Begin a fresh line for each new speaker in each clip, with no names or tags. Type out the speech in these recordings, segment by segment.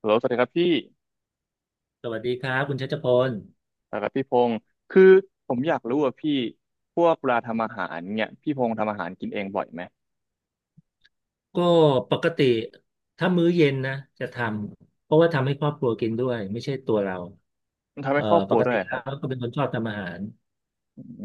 ฮัลโหลสวัสดีครับพี่
สวัสดีครับคุณชัชพล
สวัสดครับพี่พงศ์คือผมอยากรู้ว่าพี่พวกเวลาทำอาหารเนี่ยพี่พงศ์ทำอาหารกินเองบ่อยไหม
ก็ปกติถ้ามื้อเย็นนะจะทำเพราะว่าทำให้ครอบครัวกินด้วยไม่ใช่ตัวเรา
ทำให้ครอบค
ป
รัว
ก
ด้ว
ติ
ยค
แล้
รับ
วก็เป็นคนชอบทำอาหาร
อืม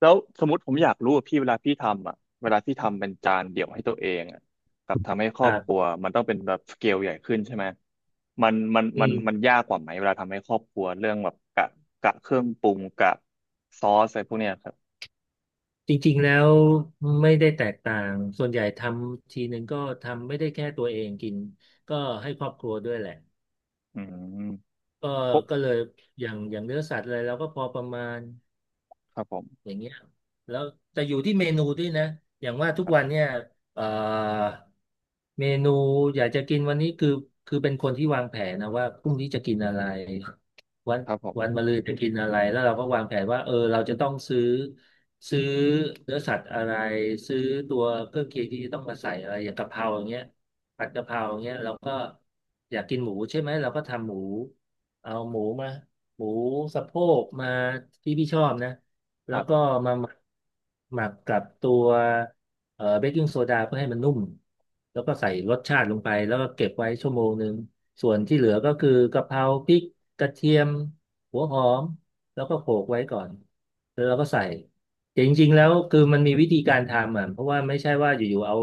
แล้วสมมติผมอยากรู้ว่าพี่เวลาพี่ทำอ่ะเวลาพี่ทำเป็นจานเดี่ยวให้ตัวเองอ่ะกับทำให้ค
ค
รอ
รั
บครัว
บ
มันต้องเป็นแบบสเกลใหญ่ขึ้นใช่ไหมมันมัน
อื
มัน
ม
มันยากกว่าไหมเวลาทำให้ครอบครัวเรื่องแบบกะเครื่องปรุงกะซอสอะไรพวกเนี้ยครับ
จริงๆแล้วไม่ได้แตกต่างส่วนใหญ่ทำทีหนึ่งก็ทำไม่ได้แค่ตัวเองกินก็ให้ครอบครัวด้วยแหละ
อืม
ก็
ปุ๊บ
ก็เลยอย่างเนื้อสัตว์อะไรเราก็พอประมาณ
ครับผม
อย่างเงี้ยแล้วแต่อยู่ที่เมนูด้วยนะอย่างว่าทุ
ค
ก
รับ
วันเนี่ยเอ่อ เมนูอยากจะกินวันนี้คือเป็นคนที่วางแผนนะว่าพรุ่งนี้จะกินอะไรวัน
ครับผ
วัน
ม
มะรืนจะกินอะไรแล้วเราก็วางแผนว่าเออเราจะต้องซื้อเนื้อสัตว์อะไรซื้อตัวเครื่องเคียงที่จะต้องมาใส่อะไรอย่างกะเพราอย่างเงี้ยผัดกะเพราอย่างเงี้ยเราก็อยากกินหมูใช่ไหมเราก็ทำหมูเอาหมูมาหมูสะโพกมาที่พี่ชอบนะ
ค
แล้ว
รั
ก็
บ
มาหมักกับตัว เบกกิ้งโซดาเพื่อให้มันนุ่มแล้วก็ใส่รสชาติลงไปแล้วก็เก็บไว้ชั่วโมงหนึ่งส่วนที่เหลือก็คือกะเพราพริกกระเทียมหัวหอมแล้วก็โขลกไว้ก่อนแล้วเราก็ใส่แต่จริงๆแล้วคือมันมีวิธีการทำอ่ะเพราะว่าไม่ใช่ว่าอยู่ๆเอา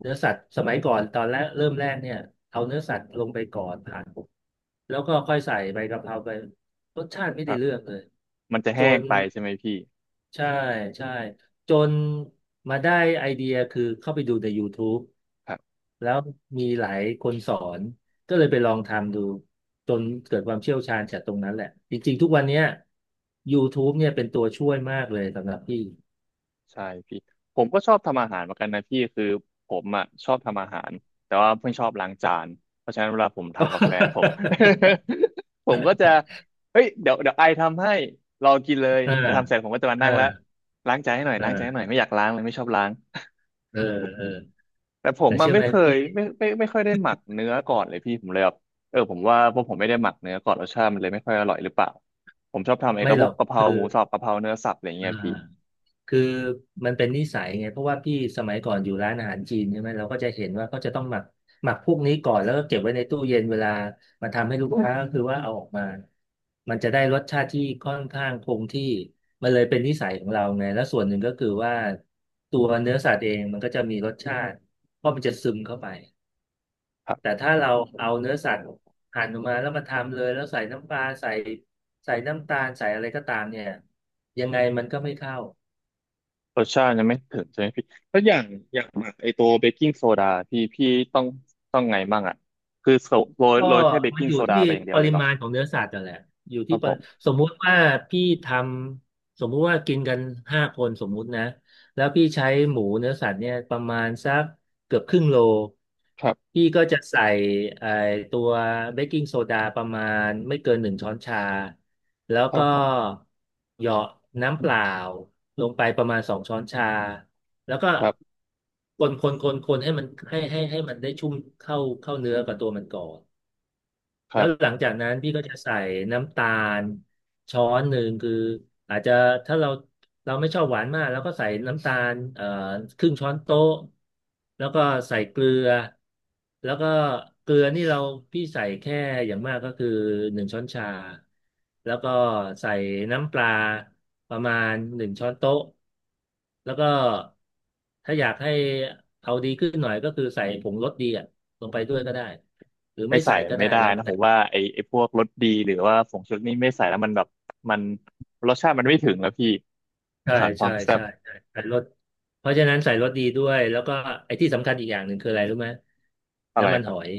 เนื้อสัตว์สมัยก่อนตอนแรกเริ่มแรกเนี่ยเอาเนื้อสัตว์ลงไปก่อนผ่านแล้วก็ค่อยใส่ใบกะเพราไปรสชาติไม่
ค
ได้
รับ
เรื่องเลย
มันจะ
จ
แห้ง
น
ไปใช่ไหมพี่
ใช่ใช่จนมาได้ไอเดียคือเข้าไปดูใน YouTube
ครับ
แล้วมีหลายคนสอนก็เลยไปลองทำดูจนเกิดความเชี่ยวชาญจากตรงนั้นแหละจริงๆทุกวันเนี้ย YouTube เนี่ยเป็นตัวช่วยมากเลยสำหรับพี่
ใช่พี่ผมก็ชอบทำอาหารเหมือนกันนะพี่คือผมอ่ะชอบทำอาหารแต่ว่าเพิ่งชอบล้างจานเพราะฉะนั้นเวลาผมทำกับแฟนผม ผมก็จะเฮ้ยเดี๋ยวเดี๋ยวไอทำให้ลองกินเลย
อ่า
แต่ทำเสร็จผมก็จะมา
อ่า
นั่งแล้วล้างจานให้หน่อย
อ่
ล้างจานให้ห
า
น่อยไม่อยากล้างเลยไม่ชอบล้าง
เออเออ
แต่ผม
แต่
มัน
เชื่อ
ไม่
ไหม
เค
พี่
ยไม่ค่อยได้หมักเนื้อก่อนเลยพี่ผมเลยแบบเออผมว่าพวกผมไม่ได้หมักเนื้อก่อนรสชาติมันเลยไม่ค่อยอร่อยหรือเปล่าผมชอบทำไอ้
ไม่
กับ
ห
พ
ร
ว
อ
ก
ก
กะเพราหมูสับกะเพราเนื้อสับอะไร
อ่า
เงี้ยพี่
คือมันเป็นนิสัยไงเพราะว่าพี่สมัยก่อนอยู่ร้านอาหารจีนใช่ไหมเราก็จะเห็นว่าเขาจะต้องหมักพวกนี้ก่อนแล้วก็เก็บไว้ในตู้เย็นเวลามาทำให้ลูกค้าก็คือว่าเอาออกมามันจะได้รสชาติที่ค่อนข้างคงที่มันเลยเป็นนิสัยของเราไงแล้วส่วนหนึ่งก็คือว่าตัวเนื้อสัตว์เองมันก็จะมีรสชาติเพราะมันจะซึมเข้าไปแต่ถ้าเราเอาเนื้อสัตว์หั่นออกมาแล้วมาทำเลยแล้วใส่น้ำปลาใส่น้ำตาลใส่อะไรก็ตามเนี่ยยังไงมันก็ไม่เข้า
รสชาติยังไม่ถึงใช่ไหมพี่แล้วอย่างหมักไอตัวเบกกิ้งโซดาพี่ต้องต้องไงบ้างอ่ะคือโซโรย
ก็
โรยแค่เบก
มัน
กิ้ง
อยู่
โซดา
ที่
ไปอย่างเดี
ป
ยวเล
ริ
ยเหรอ
มาณของเนื้อสัตว์นั่นแหละอยู่
ค
ที่
รับผม
สมมุติว่าพี่ทำสมมุติว่ากินกันห้าคนสมมุตินะแล้วพี่ใช้หมูเนื้อสัตว์เนี่ยประมาณสักเกือบครึ่งโล
ครับ
พี่ก็จะใส่ไอ้ตัวเบกกิ้งโซดาประมาณไม่เกินหนึ่งช้อนชาแล้ว
ครั
ก็
บผม
เหยาะน้ำเปล่าลงไปประมาณสองช้อนชาแล้วก็
ครับ
คนให้มันให้มันได้ชุ่มเข้าเนื้อกับตัวมันก่อน
ค
แล้
รั
วหลั
บ
งจากนั้นพี่ก็จะใส่น้ำตาลช้อนหนึ่งคืออาจจะถ้าเราเราไม่ชอบหวานมากแล้วก็ใส่น้ำตาลครึ่งช้อนโต๊ะแล้วก็ใส่เกลือแล้วก็เกลือนี่เราพี่ใส่แค่อย่างมากก็คือหนึ่งช้อนชาแล้วก็ใส่น้ำปลาประมาณหนึ่งช้อนโต๊ะแล้วก็ถ้าอยากให้เอาดีขึ้นหน่อยก็คือใส่ผงรสดีอ่ะลงไปด้วยก็ได้หรือ
ไม่
ไม่
ใส่
ใส่
มั
ก็
น
ได้
ไม่ได้
แล้ว
นะ
แต่
ผมว่าไอไอพวกรสดีหรือว่าผงชูรสนี่ไม่ใส่แล้วมันแบบมันรสชาติมันไม่ถึงแล้วพี่
ใช่
ขาดควา
ใช่
มแซ่
ใช่
บ
ใช่ใส่รสเพราะฉะนั้นใส่รสดีด้วยแล้วก็ไอ้ที่สำคัญอีกอย่างหนึ่งคืออะไรรู้ไหม
อะไร
น้ำมัน
ค
ห
รับ
อย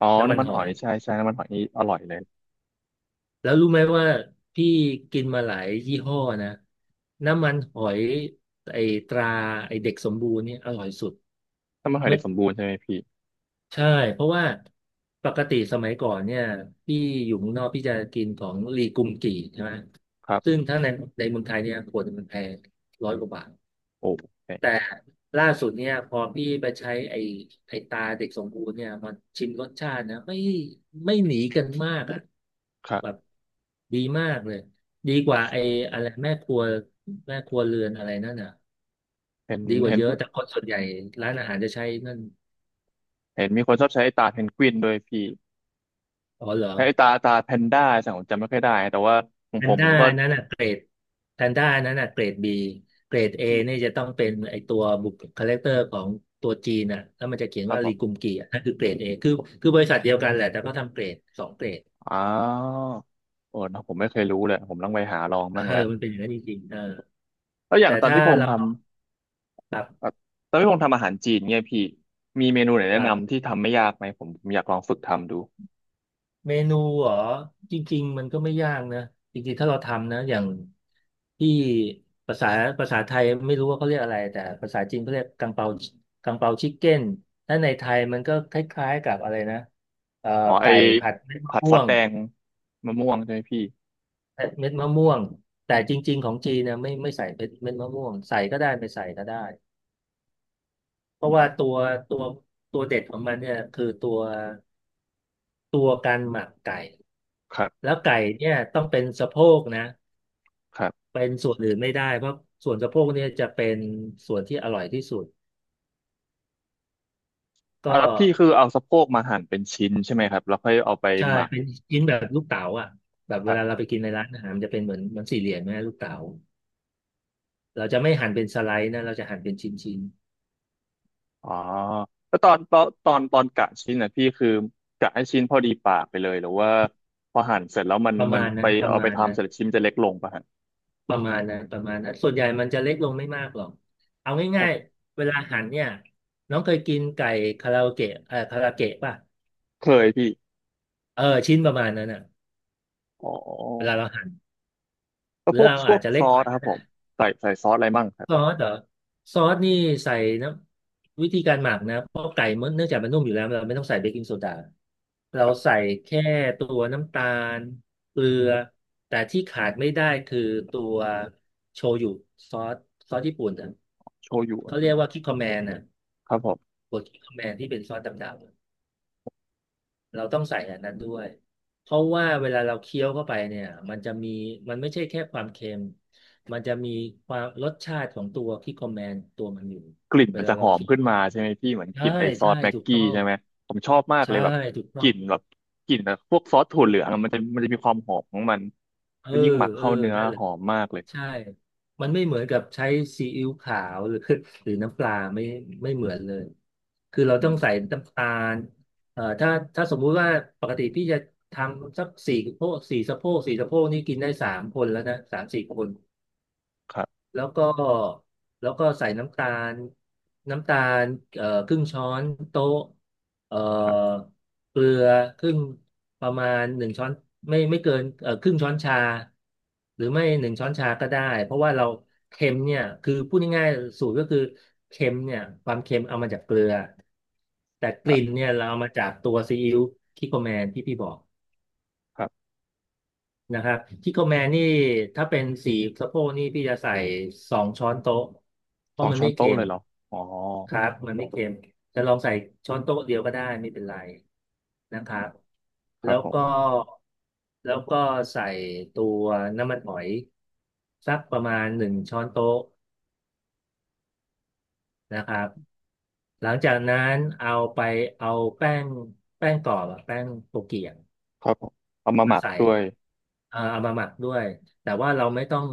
อ๋อ
น้ำมัน
น้ำมัน
ห
ห
อ
อ
ย
ยใช่ใช่น้ำมันหอยนี่อร่อยเลย
แล้วรู้ไหมว่าพี่กินมาหลายยี่ห้อนะน้ำมันหอยไอ้ตราไอ้เด็กสมบูรณ์เนี่ยอร่อยสุด
น้ำมันหอย
เมื่
เด็
อ
กสมบูรณ์ใช่ไหมพี่
ใช่เพราะว่าปกติสมัยก่อนเนี่ยพี่อยู่เมืองนอกพี่จะกินของลีกุมกี่ใช่ไหม
ครั
ซึ่ง
บ
ถ้าในเมืองไทยเนี่ยขวดหนึ่งมันแพงร้อยกว่าบาท
โอเ
แต่
ค
ล่าสุดเนี่ยพอพี่ไปใช้ไอ้ตาเด็กสมบูรณ์เนี่ยมันชิมรสชาตินะไม่หนีกันมากอ่ะ
ครั
แบบ
บ
ดีมากเลยดีกว่าไอ้อะไรแม่ครัวเรือนอะไรนั่นน่ะ
เห็น
ดีกว่า
เห็น
เยอะแต่คนส่วนใหญ่ร้านอาหารจะใช้นั่น
เห็นมีคนชอบใช้ไอ้ตาเพนกวินด้วยพี่
อ๋อเหรอ
ไอ้ตาแพนด้าสังผมจำไม่ค่อยได้แต่ว่าขอ
แพ
งผ
น
มผ
ด้า
มก็
นั่นน่ะเกรด แพนด้านั้นน่ะเกรด B เกรด A นี่จะต้องเป็นไอตัวบุคคาแรคเตอร์ของตัวจีนน่ะแล้วมันจะเขียน
ครั
ว่า
บผ
รีกุ
ม
มกีอ่ะนั่นคือเกรด A คือบริษัทเดียวกันแหละแต่ก็ทำเกรดสองเกรด
อ้าวโอ้เนอะผมไม่เคยรู้เลยผมต้องไปหาลอง
เออ
บ้างแล้ว
มันเป็นอย่างนั้นจริงๆเออ
แล้วอย่า
แต่
งตอน
ถ้า
พี่พงษ์
เรา
ท
ปรับ
ำตอนพี่พงษ์ทำอาหารจีนเนี่ยพี่มีเมนูไหน
ป
แนะ
รับ
นำที่ทำไม่ยากไหมผมอยากลองฝึกทำดู
เมนูเหรอจริงๆมันก็ไม่ยากนะจริงๆถ้าเราทำนะอย่างที่ภาษาภาษาไทยไม่รู้ว่าเขาเรียกอะไรแต่ภาษาจีนเขาเรียกกังเปากังเปาชิคเก้นถ้าในไทยมันก็คล้ายๆกับอะไรนะเอ่อ
อ๋อไอ้
ไก่ผัดเม็ดมะ
ผัด
ม่
ซอ
ว
ส
ง
แดงมะม่วงใช่ไหมพี่
เม็ดมะม่วงแต่จริงๆของจีนนะไม่ใส่เม็ดมะม่วงใส่ก็ได้ไม่ใส่ก็ได้เพ
อื
ราะว่า
ม
ตัวตัวตัวเด็ดของมันเนี่ยคือตัวการหมักไก่
ครับ
แล้วไก่เนี่ยต้องเป็นสะโพกนะ
ครับ
เป็นส่วนอื่นไม่ได้เพราะส่วนสะโพกเนี่ยจะเป็นส่วนที่อร่อยที่สุดก็
อ่ะแล้วพี่คือเอาสะโพกมาหั่นเป็นชิ้นใช่ไหมครับแล้วค่อยเอาไป
ใช่
หมัก
เป็นชิ้นแบบลูกเต๋าอ่ะแบบเวลาเราไปกินในร้านอาหารมันจะเป็นเหมือนเหมันสี่เหลี่ยมนะลูกเต๋าเราจะไม่หั่นเป็นสไลด์นะเราจะหั่นเป็นชิ้น
อ๋อแล้วตอนกะชิ้นนะพี่คือกะให้ชิ้นพอดีปากไปเลยหรือว่าพอหั่นเสร็จแล้วมัน
ๆประ
มั
มา
น
ณนั้
ไป
นประ
เอาไป
มาณนั้
ทำเส
น
ร็จชิ้นจะเล็กลงป่ะฮะ
ประมาณนั้นประมาณนั้นส่วนใหญ่มันจะเล็กลงไม่มากหรอกเอา
ครั
ง่าย
บ
ๆเวลาหั่นเนี่ยน้องเคยกินไก่คาราโอเกะคาราเกะป่ะ
เคยพี่
เออชิ้นประมาณนั้นอ่ะ
อ๋อ
เวลาเราหั่น
แล้
ห
ว
รือ
พวก
เรา
พ
อา
ว
จ
ก
จะ
ซ
เล็ก
อ
หน่
ส
อย
นะครับผมใส่ซอสอะไรมั่งครับ
ซอสเหรอซอสนี่ใส่น้ำวิธีการหมักนะเพราะไก่มันเนื่องจากมันนุ่มอยู่แล้วเราไม่ต้องใส่เบกกิ้งโซดา
ค
เรา
รับ
ใส่แค่ตัวน้ำตาลเกลือแต่ที่ขาดไม่ได้คือตัวโชยุซอสซอสญี่ปุ่นอ่ะ
โชยุอะ
เขาเรียกว่าคิโคแมนอ่ะ
ครับผม
บดคิโคแมนที่เป็นซอสดำๆ เราต้องใส่อันนั้นด้วย เพราะว่าเวลาเราเคี้ยวเข้าไปเนี่ยมันจะมีมันไม่ใช่แค่ความเค็มมันจะมีความรสชาติของตัวที่คอมแมนตัวมันอยู่
กลิ่น
เว
มัน
ลา
จะห
เรา
อม
เคี้ยว
ขึ้นมาใช่ไหมพี่เหมือนก
ใช่
ลิ่นไอซอ
ใช่
สแม็ก
ถูก
กี้
ต้อง
ใช่ไหมผมชอบมากเล
ใช่
ยแบบ
ถูก
ก
ต้อง
ลิ่นแบบกลิ่นแบบพวกซอสถั่วเหลืองอะมันจะมีความหอมของมัน
เออ
แล้วยิ่งหมัก
เออ
เข้าเนื้อ
นั่นแหละ
หอมมากเลย
ใช่ มันไม่เหมือนกับใช้ซีอิ๊วขาวหรือ หรือน้ำปลาไม่เหมือนเลย คือเรา
อื
ต้องใส่
ม
น้ำตาลเอ่อถ้าถ้าสมมุติว่าปกติพี่จะทำสักสี่สะโพกสี่สะโพกสี่สะโพกนี่กินได้สามคนแล้วนะสามสี่คน
ครับ
แล้วก็แล้วก็ใส่ลน้ำตาลครึ่งช้อนโต๊ะเอ่อ
ครับ
เกลือครึ่งประมาณหนึ่งช้อนไม่เกินครึ่งช้อนชาหรือไม่หนึ่งช้อนชาก็ได้เพราะว่าเราเค็มเนี่ยคือพูดง่ายๆสูตรก็คือเค็มเนี่ยความเค็มเอามาจากเกลือแต่ก
ครั
ลิ่น
บ
เนี่ยเราเอามาจากตัวซีอิ๊วคิโกแมนที่พี่บอก
ครับ
นะครับที่โกแมนี่ ถ้าเป็นสีสะโพกนี่พี่จะใส่สองช้อนโต๊ะ เพ
ส
ราะ
อง
มัน
ช้อ
ไม่
น
เค็
โต๊ะเล
ม
ยเหรออ๋อ
ครับ มันไม่เค็ม จะลองใส่ช้อนโต๊ะเดียวก็ได้ไม่เป็นไรนะครับ
ค
แล้
รับ
ว
ผ
ก็
ม
แล้วก็ใส่ตัวน้ำมันหอยสักประมาณหนึ่งช้อนโต๊ะนะครับหลังจากนั้นเอาไปเอาแป้งแป้งกรอบอะแป้งโตเกียง
ครับผมเอามาห
มา
มัก
ใส่
ด้วย
อ่าเอามาหมักด้วยแต่ว่าเราไม่ต้อง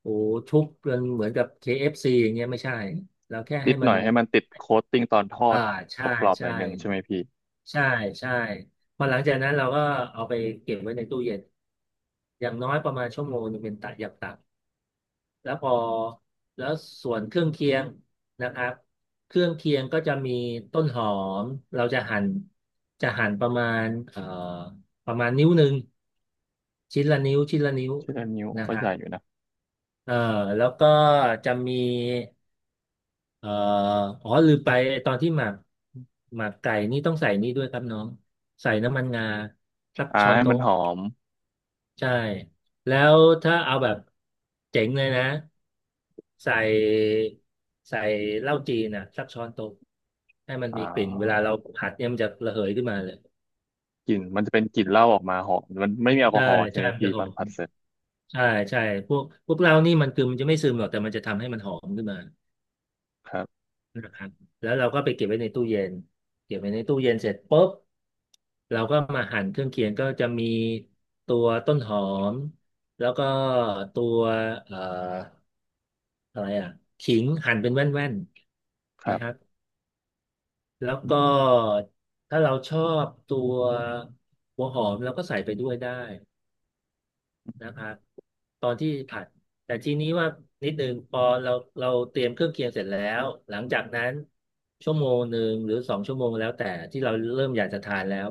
โอ้ทุบเป็นเหมือนกับ KFC อฟซีอย่างเงี้ยไม่ใช่เราแค่
นิ
ให้
ดห
มั
น่
น
อยให้มันติดโค้ตติ้งตอนทอ
อ่า
ดก
ใช่
รอบๆหน่
ใช่
อยหนึ่งใช่ไหมพี่
ใช่ใช่พอหลังจากนั้นเราก็เอาไปเก็บไว้ในตู้เย็นอย่างน้อยประมาณชั่วโมงหนึงเป็นตัอย่างต่ำแล้วพอแล้วส่วนเครื่องเคียงนะครับเครื่องเคียงก็จะมีต้นหอมเราจะหั่นจะหั่นประมาณประมาณนิ้วหนึ่งชิ้นละนิ้วชิ้นละนิ้ว
ชิ้นะนิ้ว
นะ
ก็
ครั
ให
บ
ญ่อยู่นะ
เออแล้วก็จะมีเอ่ออ๋อลืมไปตอนที่หมักหมักไก่นี่ต้องใส่นี่ด้วยครับน้องใส่น้ำมันงาสัก
อ่า
ช้อน
ให้มัน
โต๊ะ
หอม
ใช่แล้วถ้าเอาแบบเจ๋งเลยนะใส่ใส่เหล้าจีนนะสักช้อนโต๊ะให้มัน
อ่
มีกลิ่นเวลา
า
เราผัดเนี่ยมันจะระเหยขึ้นมาเลย
กลิ่นมันจะเป็นกลิ่นเหล้าออกมาหอมมันไม่มีแอลก
ใช่
อฮอล์ใช่
ใช่
ไหม
มัน
พี่
จะห
ต
อ
อน
ม
ผัดเสร็จ
ใช่ใช่พวกเรานี่มันคือมันจะไม่ซึมหรอกแต่มันจะทำให้มันหอมขึ้นมา
ครับ
นะครับแล้วเราก็ไปเก็บไว้ในตู้เย็นเก็บไว้ในตู้เย็นเสร็จปุ๊บเราก็มาหั่นเครื่องเคียงก็จะมีตัวต้นหอมแล้วก็ตัวเอ่ออะไรอ่ะขิงหั่นเป็นแว่น
ค
ๆนะ
รับ
ครับแล้วก็ถ้าเราชอบตัวหัวหอมเราก็ใส่ไปด้วยได้ นะครับตอนที่ผัดแต่ทีนี้ว่านิดนึงพอเราเราเตรียมเครื่องเคียงเสร็จแล้วหลังจากนั้นชั่วโมงหนึ่งหรือสองชั่วโมงแล้วแต่ที่เราเริ่มอยากจะทานแล้ว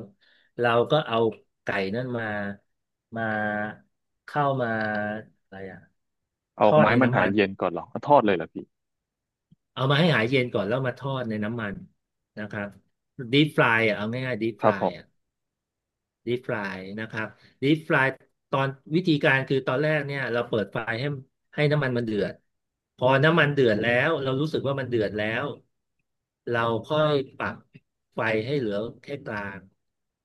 เราก็เอาไก่นั่นมามาเข้ามาอะไรอะ
เอา
ท
อ
อ
อก
ด
มา
ใน
ให้มัน
น้ำ
หา
มั
ย
น
เย็นก่อนเหรอเอาทอดเลยเหรอพี่
เอามาให้หายเย็นก่อนแล้วมาทอดในน้ำมันนะครับด e ฟ p ายอ่ะเอาง่ายๆ deep
ค
f
รับผ
r
ม
อ่ะ deep fry นะครับ deep fry ตอนวิธีการคือตอนแรกเนี่ยเราเปิดไฟให้น้ำมันมันเดือดพอน้ำมันเดือดแล้วเรารู้สึกว่ามันเดือดแล้วเราค่อยปรับไฟให้เหลือแค่กลาง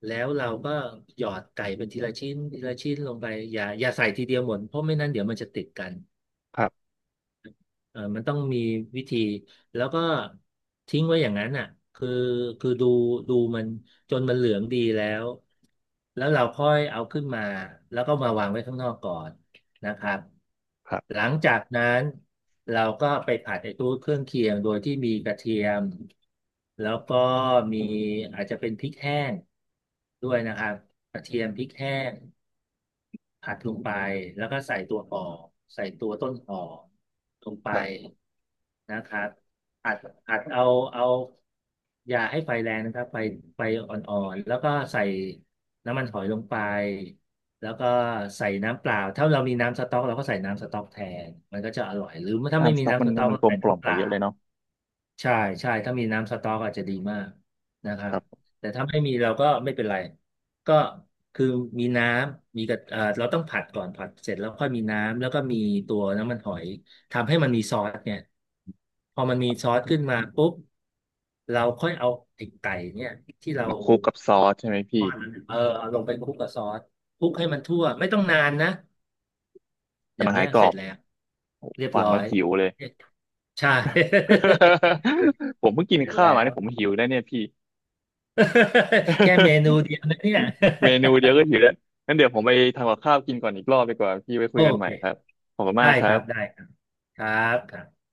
แล้วเราก็หยอดไก่เป็นทีละชิ้นทีละชิ้นลงไปอย่าใส่ทีเดียวหมดเพราะไม่นั้นเดี๋ยวมันจะติดกัน
ครับ
เออมันต้องมีวิธีแล้วก็ทิ้งไว้อย่างนั้นอ่ะคือคือดูดูมันจนมันเหลืองดีแล้วแล้วเราค่อยเอาขึ้นมาแล้วก็มาวางไว้ข้างนอกก่อนนะครับ
ครั
ห
บ
ลังจากนั้นเราก็ไปผัดไอ้ตัวเครื่องเคียงโดยที่มีกระเทียมแล้วก็มีอาจจะเป็นพริกแห้งด้วยนะครับกระเทียมพริกแห้ง ผัดลงไปแล้วก็ใส่ตัวปอใส่ตัวต้นหอลงไป
ครับ
นะครับอัดอัดเอาเอาอย่าให้ไฟแรงนะครับไฟอ่อนๆแล้วก็ใส่น้ำมันหอยลงไปแล้วก็ใส่น้ำเปล่าถ้าเรามีน้ำสต๊อกเราก็ใส่น้ำสต๊อกแทนมันก็จะอร่อยหรือถ้าไม่
น้ำส
มี
ต๊อกมั
น้ำส
น
ต๊อก
มัน
ก็
กล
ใส่
มกล่อ
น้ำ
ม
เป
ไป
ล่า
เยอะเลยเนาะ
ใช่ใช่ถ้ามีน้ำสต๊อกอาจจะดีมากนะครั
ค
บ
รับ
แต่ถ้าไม่มีเราก็ไม่เป็นไรก็คือมีน้ำมีกระเราต้องผัดก่อนผัดเสร็จแล้วค่อยมีน้ำแล้วก็มีตัวน้ำมันหอยทำให้มันมีซอสเนี่ยพอมันมีซอสขึ้นมาปุ๊บเราค่อยเอาไอ้ไก่เนี่ยที่เรา
มาคลุกกับซอสใช่ไหม
ท
พี่
อดนั้นเออเอาลงไปคลุกกับซอสคลุก
โอ
ให้มัน
้
ทั่วไม่ต้องนานนะอ
แต่
ย่าง
มัน
เงี้
หา
ย
ยกร
เส
อ
ร็จ
บ
แล้ว
โอ้
เรียบ
ฟัง
ร้อ
แล้ว
ย
หิวเลย
ใช่
ผมเพิ่งกิ น
เสร็จ
ข้าว
แล้
มา
ว
เนี่ยผมหิวแล้วเนี่ยพี่
แค่เมนู เดียวนะเนี่ย
เมนูเดียวก็หิวแล้วงั้นเดี๋ยวผมไปทำกับข้าวกินก่อนอีกรอบดีกว่าพี่ไว้
โอ
คุยกันให
เค
ม่ครับขอบคุณมา
ได้
กนะค
ค
รั
รับได้
บ
ครับครับครับ